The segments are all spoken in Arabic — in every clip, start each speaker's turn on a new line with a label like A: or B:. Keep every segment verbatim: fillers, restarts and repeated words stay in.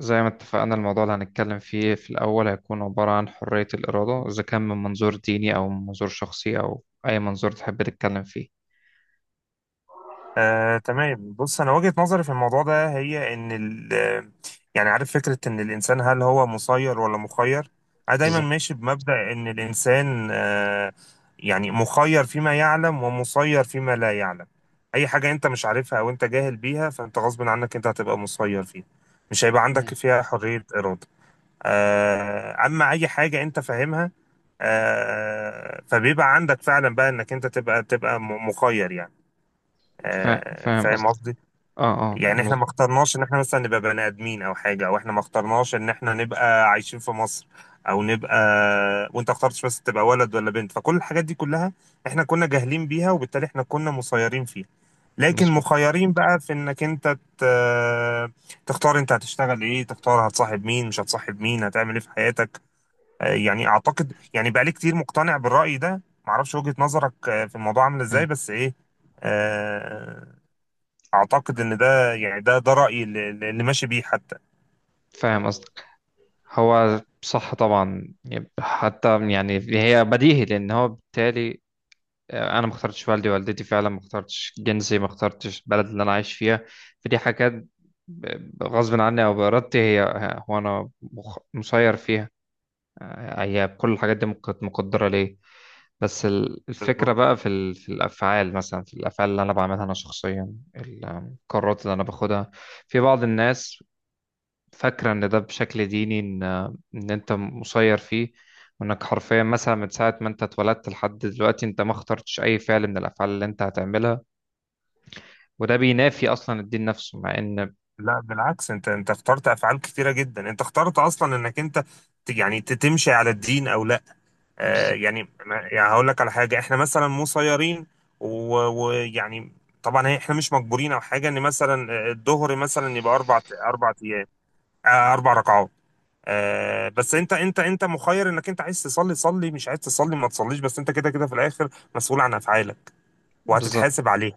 A: زي ما اتفقنا، الموضوع اللي هنتكلم فيه في الأول هيكون عبارة عن حرية الإرادة، إذا كان من منظور ديني أو من منظور شخصي أو أي منظور تحب تتكلم فيه.
B: آه، تمام، بص انا وجهة نظري في الموضوع ده هي ان ال آه، يعني عارف فكرة ان الانسان هل هو مسير ولا مخير. انا دايما
A: بالظبط.
B: ماشي بمبدأ ان الانسان آه، يعني مخير فيما يعلم ومسير فيما لا يعلم. اي حاجة انت مش عارفها او انت جاهل بيها فانت غصب عنك انت هتبقى مسير فيها، مش هيبقى عندك
A: مم.
B: فيها حرية ارادة. آه، اما اي حاجة انت فاهمها، آه، فبيبقى عندك فعلا بقى انك انت تبقى تبقى م- مخير يعني.
A: فا-
B: آه،
A: فاهم
B: فاهم
A: قصدك.
B: قصدي؟
A: اه. اه
B: يعني احنا
A: مظ-
B: ما اخترناش ان احنا مثلا نبقى بني ادمين او حاجه، او احنا ما اخترناش ان احنا نبقى عايشين في مصر او نبقى، وانت اخترتش بس تبقى ولد ولا بنت، فكل الحاجات دي كلها احنا كنا جاهلين بيها، وبالتالي احنا كنا مسيرين فيها. لكن
A: مظبوط.
B: مخيرين بقى في انك انت ت- تختار انت هتشتغل ايه، تختار هتصاحب مين، مش هتصاحب مين، هتعمل ايه في حياتك. آه، يعني اعتقد يعني بقالي كتير مقتنع بالرأي ده. معرفش وجهة نظرك آه، في الموضوع عامل
A: مم.
B: ازاي بس ايه. آه، اعتقد ان ده يعني ده ده رايي اللي, اللي ماشي بيه حتى.
A: فاهم قصدك. هو صح طبعا، يب- حتى يعني هي بديهي، لأن هو بالتالي آه، أنا ما اخترتش والدي والدتي، فعلا ما اخترتش جنسي، ما اخترتش البلد اللي أنا عايش فيها. فدي حاجات ب- غصب عني أو بإرادتي، هي هي- هو أنا مخ- مسير فيها. آه، هي كل الحاجات دي مك- كانت مقدرة ليه. بس ال-
B: بالظبط.
A: الفكرة بقى في ال- في الأفعال، مثلا في الأفعال اللي أنا بعملها أنا شخصيا، القرارات اللي أنا باخدها. في بعض الناس فاكرة إن ده بشكل ديني، إن إن أنت مسير فيه، وإنك حرفيا مثلا من ساعة ما أنت اتولدت لحد دلوقتي، أنت ما اخترتش أي فعل من الأفعال اللي أنت هتعملها، وده بينافي أصلا الدين نفسه، مع إن.
B: لا بالعكس، انت انت اخترت افعال كتيره جدا، انت اخترت اصلا انك انت ت- يعني ت- تمشي على الدين او لا. آه
A: بالظبط.
B: يعني ما- يعني هقول لك على حاجه احنا مثلا مسيرين. و- ويعني طبعا هي- احنا مش مجبورين او حاجه ان مثلا آه، الظهر مثلا يبقى اربع اربع ايام. آه، اربع ركعات. آه بس انت انت انت مخير انك انت عايز تصلي صلي، مش عايز تصلي ما تصليش، بس انت كده كده في الاخر مسؤول عن افعالك.
A: بالظبط.
B: وهتتحاسب عليها.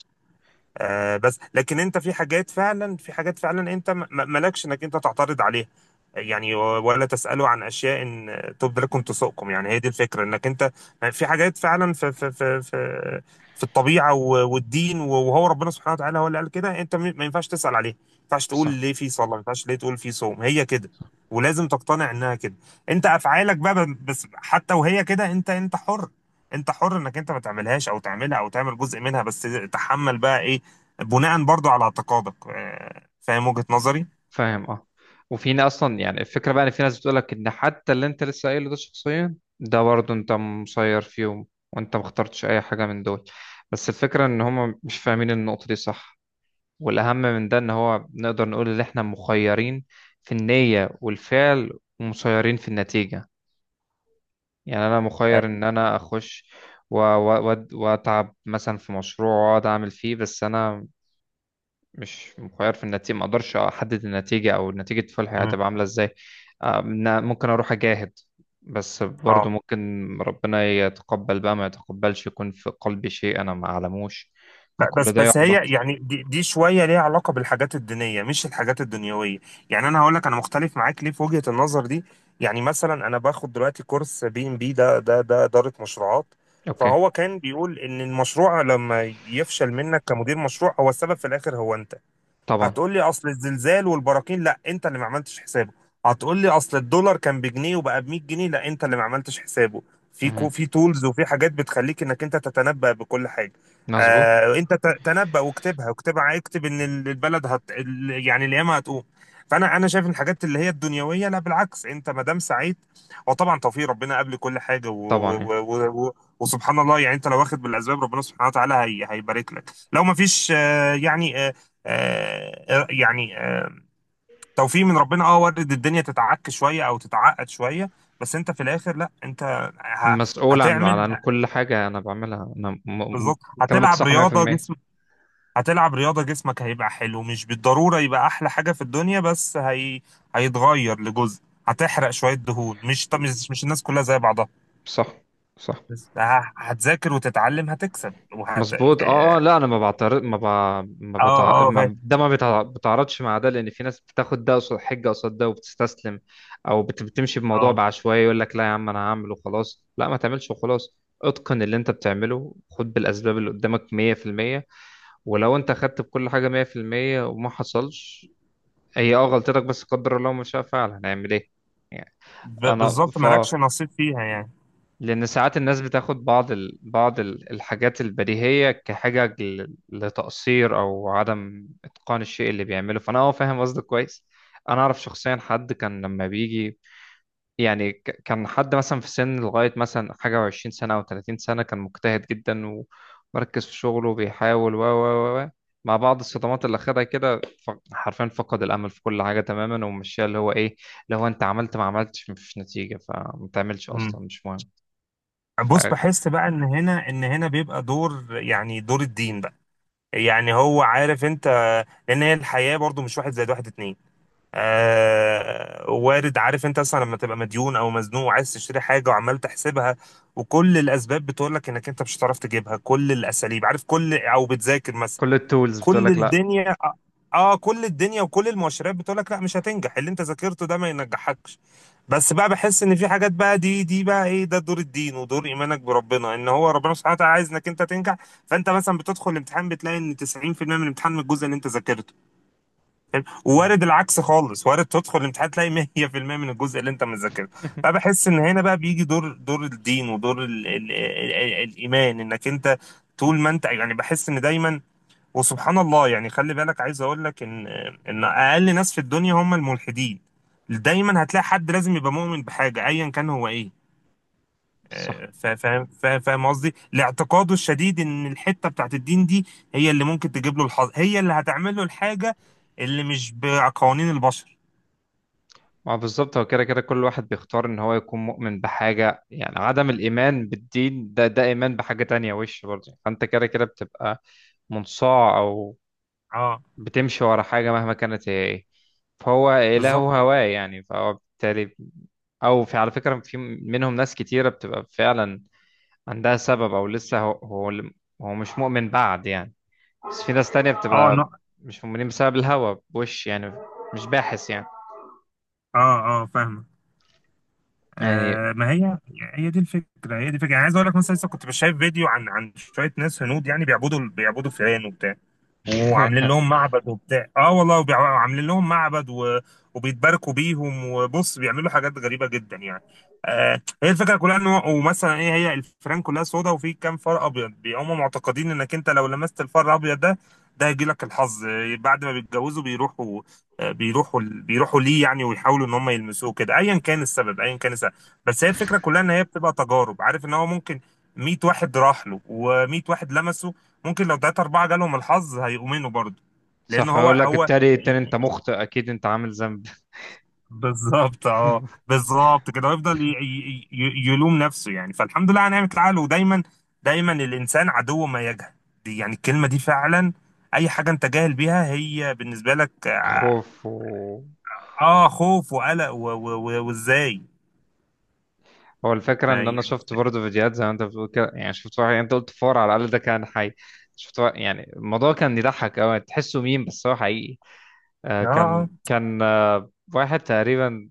B: آه بس لكن انت في حاجات فعلا، في حاجات فعلا انت م- م- مالكش انك انت تعترض عليها. يعني و- ولا تسأله عن اشياء ان تبدو لكم تسؤكم. يعني هي دي الفكرة انك انت في حاجات فعلا في في في في, في الطبيعة و- والدين، وهو ربنا سبحانه وتعالى هو اللي قال كده، انت م- ما ينفعش تسأل عليها، ما ينفعش تقول
A: صح.
B: ليه في صلاة، ما ينفعش ليه تقول في صوم، هي كده. ولازم تقتنع انها كده. انت افعالك بقى ب- بس حتى وهي كده انت انت حر. انت حر انك انت ما تعملهاش او تعملها او تعمل جزء منها، بس تحمل بقى ايه بناء برضو على اعتقادك. آه، فاهم وجهة نظري؟
A: فاهم. اه. وفي ناس اصلا، يعني الفكره بقى ان في ناس بتقولك ان حتى اللي انت لسه قايله ده شخصيا ده برضه انت مسير فيهم، وانت ما اخترتش اي حاجه من دول. بس الفكره ان هم مش فاهمين النقطه دي. صح. والاهم من ده ان هو نقدر نقول ان احنا مخيرين في النيه والفعل، ومسيرين في النتيجه. يعني انا
B: اه.
A: مخير ان انا اخش و- و- وأد- واتعب مثلا في مشروع واقعد اعمل فيه، بس انا مش مخير في النتيجة، ما اقدرش احدد النتيجة، او نتيجة فلحي
B: مم.
A: هتبقى عاملة ازاي. آه، إن ممكن اروح اجاهد، بس برضو
B: آه.
A: ممكن ربنا يتقبل بقى، ما يتقبلش، يكون في قلبي شيء انا ما اعلموش.
B: لا، بس
A: فكل ده
B: بس هي
A: يحبط.
B: يعني دي, دي شويه ليها علاقه بالحاجات الدينيه مش الحاجات الدنيويه. يعني انا هقول لك انا مختلف معاك ليه في وجهه النظر دي. يعني مثلا انا باخد دلوقتي كورس بي ام بي ده، ده ده اداره مشروعات.
A: اوكي.
B: فهو كان بيقول ان المشروع لما يفشل منك كمدير مشروع، هو السبب في الاخر هو انت.
A: طبعا.
B: هتقول لي اصل الزلزال والبراكين، لا انت اللي ما عملتش حسابه. هتقول لي اصل الدولار كان بجنيه وبقى ب مية جنيه، لا انت اللي ما عملتش حسابه. في كو
A: مهم.
B: في تولز وفي حاجات بتخليك انك انت تتنبأ بكل حاجه.
A: مظبوط.
B: آه انت ت- تنبأ واكتبها واكتبها، اكتب ان ال- البلد هت ال- يعني القيامه هتقوم. فانا انا شايف إن الحاجات اللي هي الدنيويه لا بالعكس، انت ما دام سعيد وطبعا توفيق ربنا قبل كل حاجه، و
A: طبعا
B: و
A: يعني
B: و و وسبحان الله يعني، انت لو واخد بالاسباب ربنا سبحانه وتعالى هي هيبارك لك. لو ما فيش آه يعني آه، آه، يعني آه، توفيق من ربنا، اه وارد الدنيا تتعك شويه او تتعقد شويه، بس انت في الاخر لا انت ه-
A: مسؤول عن عن
B: هتعمل.
A: عن كل حاجة انا بعملها، انا م... م-
B: بالظبط.
A: كلامك
B: هتلعب
A: صح
B: رياضه
A: مية في المية.
B: جسمك. هتلعب رياضه جسمك هيبقى حلو، مش بالضروره يبقى احلى حاجه في الدنيا بس هي هيتغير لجزء. هتحرق شويه دهون. مش طب مش مش الناس كلها زي بعضها.
A: صح. صح.
B: بس ه- هتذاكر وتتعلم، هتكسب وهت
A: مظبوط. اه.
B: اه
A: اه. لا انا ما بعترض ما ب... ما, بتع...
B: اه، فاهم،
A: ما ده ما بتع... بتعرضش مع ده، لان في ناس بتاخد ده قصاد حجه قصاد ده وبتستسلم، او بت... بتمشي بموضوع
B: اه.
A: بعشوائيه، يقول لك لا يا عم انا هعمل وخلاص، لا ما تعملش وخلاص، اتقن اللي انت بتعمله، خد بالاسباب اللي قدامك مية في المية. ولو انت خدت بكل حاجه مية في المية وما حصلش، هي اه غلطتك، بس قدر الله ما شاء فعل، هنعمل ايه؟ يعني
B: ب-
A: انا
B: بالظبط مالكش
A: فا.
B: نصيب فيها.
A: لأن ساعات الناس بتاخد بعض ال... بعض ال- الحاجات البديهية كحاجة ل- لتقصير أو عدم إتقان الشيء اللي بيعمله. فأنا أه فاهم قصدك كويس. أنا أعرف شخصيا حد كان لما بيجي يعني ك- كان حد مثلا في سن لغاية مثلا حاجة وعشرين سنة أو تلاتين سنة كان مجتهد جدا، ومركز في شغله، وبيحاول و و و و. مع بعض الصدمات اللي أخدها كده، ف- حرفيا فقد الأمل في كل حاجة تماما، ومشيها اللي هو إيه، اللي هو أنت عملت ما عملتش مفيش نتيجة فما تعملش
B: يعني
A: أصلا مش مهم. ف
B: بص بحس بقى ان هنا ان هنا بيبقى دور، يعني دور الدين بقى. يعني هو عارف انت، لان هي الحياة برضو مش واحد زائد واحد اتنين. آه وارد. عارف انت اصلا لما تبقى مديون او مزنوق وعايز تشتري حاجة وعمال تحسبها، وكل الاسباب بتقول لك انك انت مش هتعرف تجيبها، كل الاساليب عارف كل، او بتذاكر مثلا.
A: كل التولز بتقول
B: كل
A: لك لا.
B: الدنيا اه كل الدنيا وكل المؤشرات بتقول لك لا، مش هتنجح، اللي انت ذاكرته ده ما ينجحكش. بس بقى بحس ان في حاجات بقى، دي دي بقى ايه، ده دور الدين ودور ايمانك بربنا، ان هو ربنا سبحانه وتعالى عايز انك انت تنجح. فانت مثلا بتدخل الامتحان بتلاقي ان تسعين في المية من الامتحان من الجزء اللي انت ذاكرته. فاهم؟
A: مم.
B: ووارد العكس خالص. وارد تدخل الامتحان تلاقي مية في المية من الجزء اللي انت مذاكرته. فبحس ان هنا بقى بيجي دور دور الدين ودور ال ال ال ال الايمان انك انت طول ما انت يعني، بحس ان دايما، وسبحان الله يعني، خلي بالك عايز اقول لك ان ان اقل ناس في الدنيا هم الملحدين. دايما هتلاقي حد لازم يبقى مؤمن بحاجه ايا كان هو ايه.
A: صح.
B: آه، فا- فاهم فا- فاهم قصدي لاعتقاده الشديد ان الحته بتاعت الدين دي هي اللي ممكن تجيب له الحظ، هي اللي هتعمل له الحاجه اللي مش بقوانين البشر.
A: ما بالظبط، هو كده كده كل واحد بيختار ان هو يكون مؤمن بحاجة، يعني عدم الإيمان بالدين ده، ده إيمان بحاجة تانية وش برضه، فأنت كده كده بتبقى منصاع، أو
B: اه
A: بتمشي ورا حاجة مهما كانت هي إيه. فهو إله
B: بالظبط،
A: هواه يعني، فهو بالتالي. أو في على فكرة في منهم ناس كتيرة بتبقى فعلا عندها سبب، أو لسه هو هو هو مش مؤمن بعد يعني. بس في ناس تانية
B: اه،
A: بتبقى
B: لا،
A: مش مؤمنين بسبب الهوى بوش يعني، مش باحث يعني.
B: اه، اه، فاهمه.
A: يعني.
B: آه ما هي، هي دي الفكره، هي دي الفكره يعني عايز اقول لك مثلا لسه كنت شايف فيديو عن عن شويه ناس هنود يعني بيعبدوا بيعبدوا فئران وبتاع، وعاملين لهم معبد وبتاع. اه والله وبيع- وعاملين لهم معبد و... وبيتباركوا بيهم، وبص بيعملوا حاجات غريبة جدا يعني. آه هي الفكرة كلها ان هو، ومثلا ايه، هي الفيران كلها سودا وفي كام فار ابيض. هم معتقدين انك انت لو لمست الفار الابيض ده، ده هيجي لك الحظ. آه، بعد ما بيتجوزوا بيروحوا، آه، بيروحوا بيروحوا ليه يعني، ويحاولوا ان هم يلمسوه كده، ايا كان السبب، ايا كان السبب. بس هي الفكرة كلها ان هي بتبقى تجارب، عارف ان هو ممكن مية واحد راح له و100 واحد لمسه، ممكن لو تلاتة أربعة جالهم الحظ هيؤمنوا برضه. لأن
A: صح.
B: هو
A: يقول لك
B: هو
A: التاني التاني انت مخطئ اكيد، انت عامل ذنب.
B: بالظبط، اه بالظبط كده، ويفضل ي- ي- ي- يلوم نفسه يعني، فالحمد لله على نعمة العقل. ودايما دايما الإنسان عدو ما يجهل. دي يعني الكلمة دي فعلا. أي حاجة أنت جاهل بيها هي بالنسبة لك آه
A: خوف و.
B: آه، خوف وقلق و- و- و- وإزاي.
A: هو الفكرة
B: ما
A: ان انا
B: يعني
A: شفت برضه فيديوهات زي ما انت بتقول كده، يعني شفت واحد، يعني انت قلت فار على الاقل ده كان حي. شفت واحد، يعني الموضوع كان يضحك قوي، تحسه ميم بس هو حقيقي. آه كان
B: آه
A: كان آه واحد تقريبا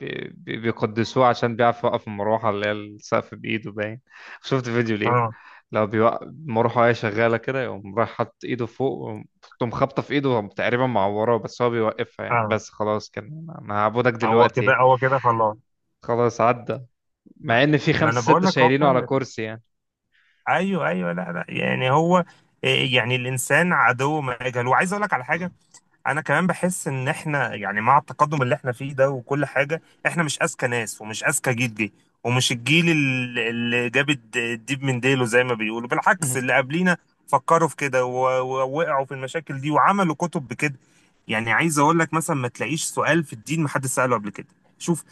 A: بي- بي- بيقدسوه عشان بيعرف يوقف المروحة اللي هي السقف بإيده باين. شفت فيديو
B: آه
A: ليه،
B: آه
A: لو بيوقف المروحة وهي شغالة كده، يقوم رايح حاطط إيده فوق، ويقوم- تقوم خابطة في إيده تقريبا معوراه، بس هو بيوقفها يعني،
B: آه
A: بس خلاص كان أنا هعبدك
B: هو كده،
A: دلوقتي.
B: هو كده خلاص.
A: خلاص عدى.
B: ما
A: مع إن في
B: ما أنا
A: خمسة
B: بقول
A: ستة
B: لك هو
A: شايلينه على
B: فعلا
A: كرسي يعني.
B: ايوه ايوه، لا لا يعني هو إيه، يعني الانسان عدو ما يجهل. وعايز اقول لك على حاجه. انا كمان بحس ان احنا يعني، مع التقدم اللي احنا فيه ده وكل حاجه، احنا مش اذكى ناس ومش اذكى جيل جه، ومش الجيل ال- اللي جاب الد- الديب من ديله زي ما بيقولوا، بالعكس
A: مهم.
B: اللي قبلينا فكروا في كده و- ووقعوا في المشاكل دي، وعملوا كتب بكده. يعني عايز اقول لك مثلا ما تلاقيش سؤال في الدين ما حد سأله قبل كده. شوف،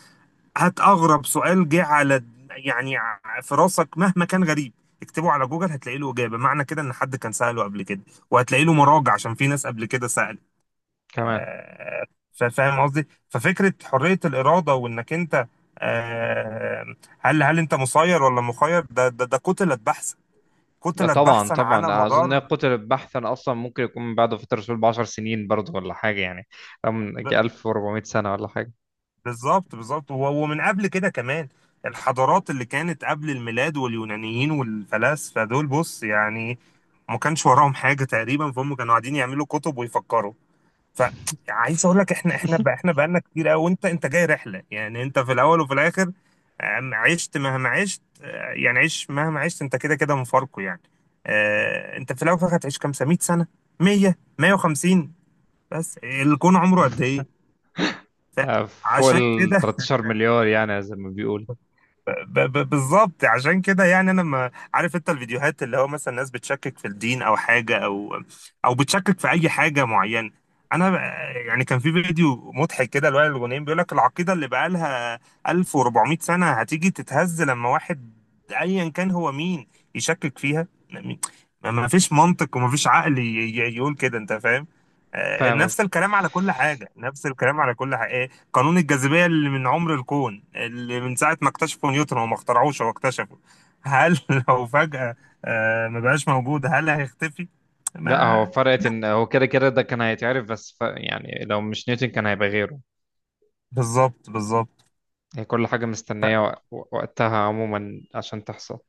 B: هات اغرب سؤال جه على، يعني ع- في راسك مهما كان غريب، اكتبه على جوجل هتلاقي له اجابه، معنى كده ان حد كان سأله قبل كده، وهتلاقي له مراجع عشان في ناس قبل كده سألت.
A: كمان.
B: آه، فا- فاهم قصدي؟ ففكره حريه الاراده وانك انت آه، هل، هل انت مسير ولا مخير، ده ده ده كتلة بحثا،
A: لا
B: كتلة
A: طبعا.
B: بحثا على
A: طبعا اظن إن هي
B: مدار.
A: قتل بحثا اصلا، ممكن يكون من بعد فتره الرسول ب 10 سنين برضه، ولا حاجه يعني أم- يجي
B: ب-
A: ألف وأربعمائة سنة سنه ولا حاجه.
B: بالظبط بالظبط، و- ومن قبل كده كمان الحضارات اللي كانت قبل الميلاد واليونانيين والفلاسفه دول، بص يعني ما كانش وراهم حاجه تقريبا، فهم كانوا قاعدين يعملوا كتب ويفكروا. فعايز اقول لك احنا احنا بقى، احنا بقالنا كتير قوي، وانت انت جاي رحله يعني، انت في الاول وفي الاخر. آم، عشت مهما عشت آه، يعني عيش مهما عشت، انت كده كده مفارقه يعني. آه، انت في الاول وفي الاخر هتعيش كام سنه، مية سنه، مية، مائة وخمسين. بس الكون عمره قد ايه؟
A: آه، فوق
B: فعشان
A: ال
B: كده
A: 13 مليار، يعني زي ما بيقول.
B: ب- ب- بالظبط عشان كده. يعني انا ما عارف انت الفيديوهات اللي هو مثلا ناس بتشكك في الدين او حاجه، او او بتشكك في اي حاجه معينه. انا ب- يعني كان في فيديو مضحك كده لوائل الغنيم بيقول لك العقيده اللي بقالها ألف وأربعمائة سنه هتيجي تتهز لما واحد، ايا كان هو مين، يشكك فيها. ما ما فيش منطق وما فيش عقل ي- ي- يقول كده، انت فاهم؟ آه،
A: فاهم
B: نفس
A: قصدي.
B: الكلام على كل حاجه، نفس الكلام على كل حاجه. قانون الجاذبية اللي من عمر الكون، اللي من ساعة ما اكتشفوا نيوتن، وما اخترعوش هو اكتشفه. هل لو فجأة آه، ما بقاش موجود هل هيختفي؟
A: لا هو
B: ما،
A: فرقت ان هو كده كده ده كان هيتعرف، بس ف... يعني لو مش نيوتن كان هيبقى غيره.
B: بالظبط بالظبط.
A: هي كل حاجة مستنية، وق- وقتها عموما عشان تحصل.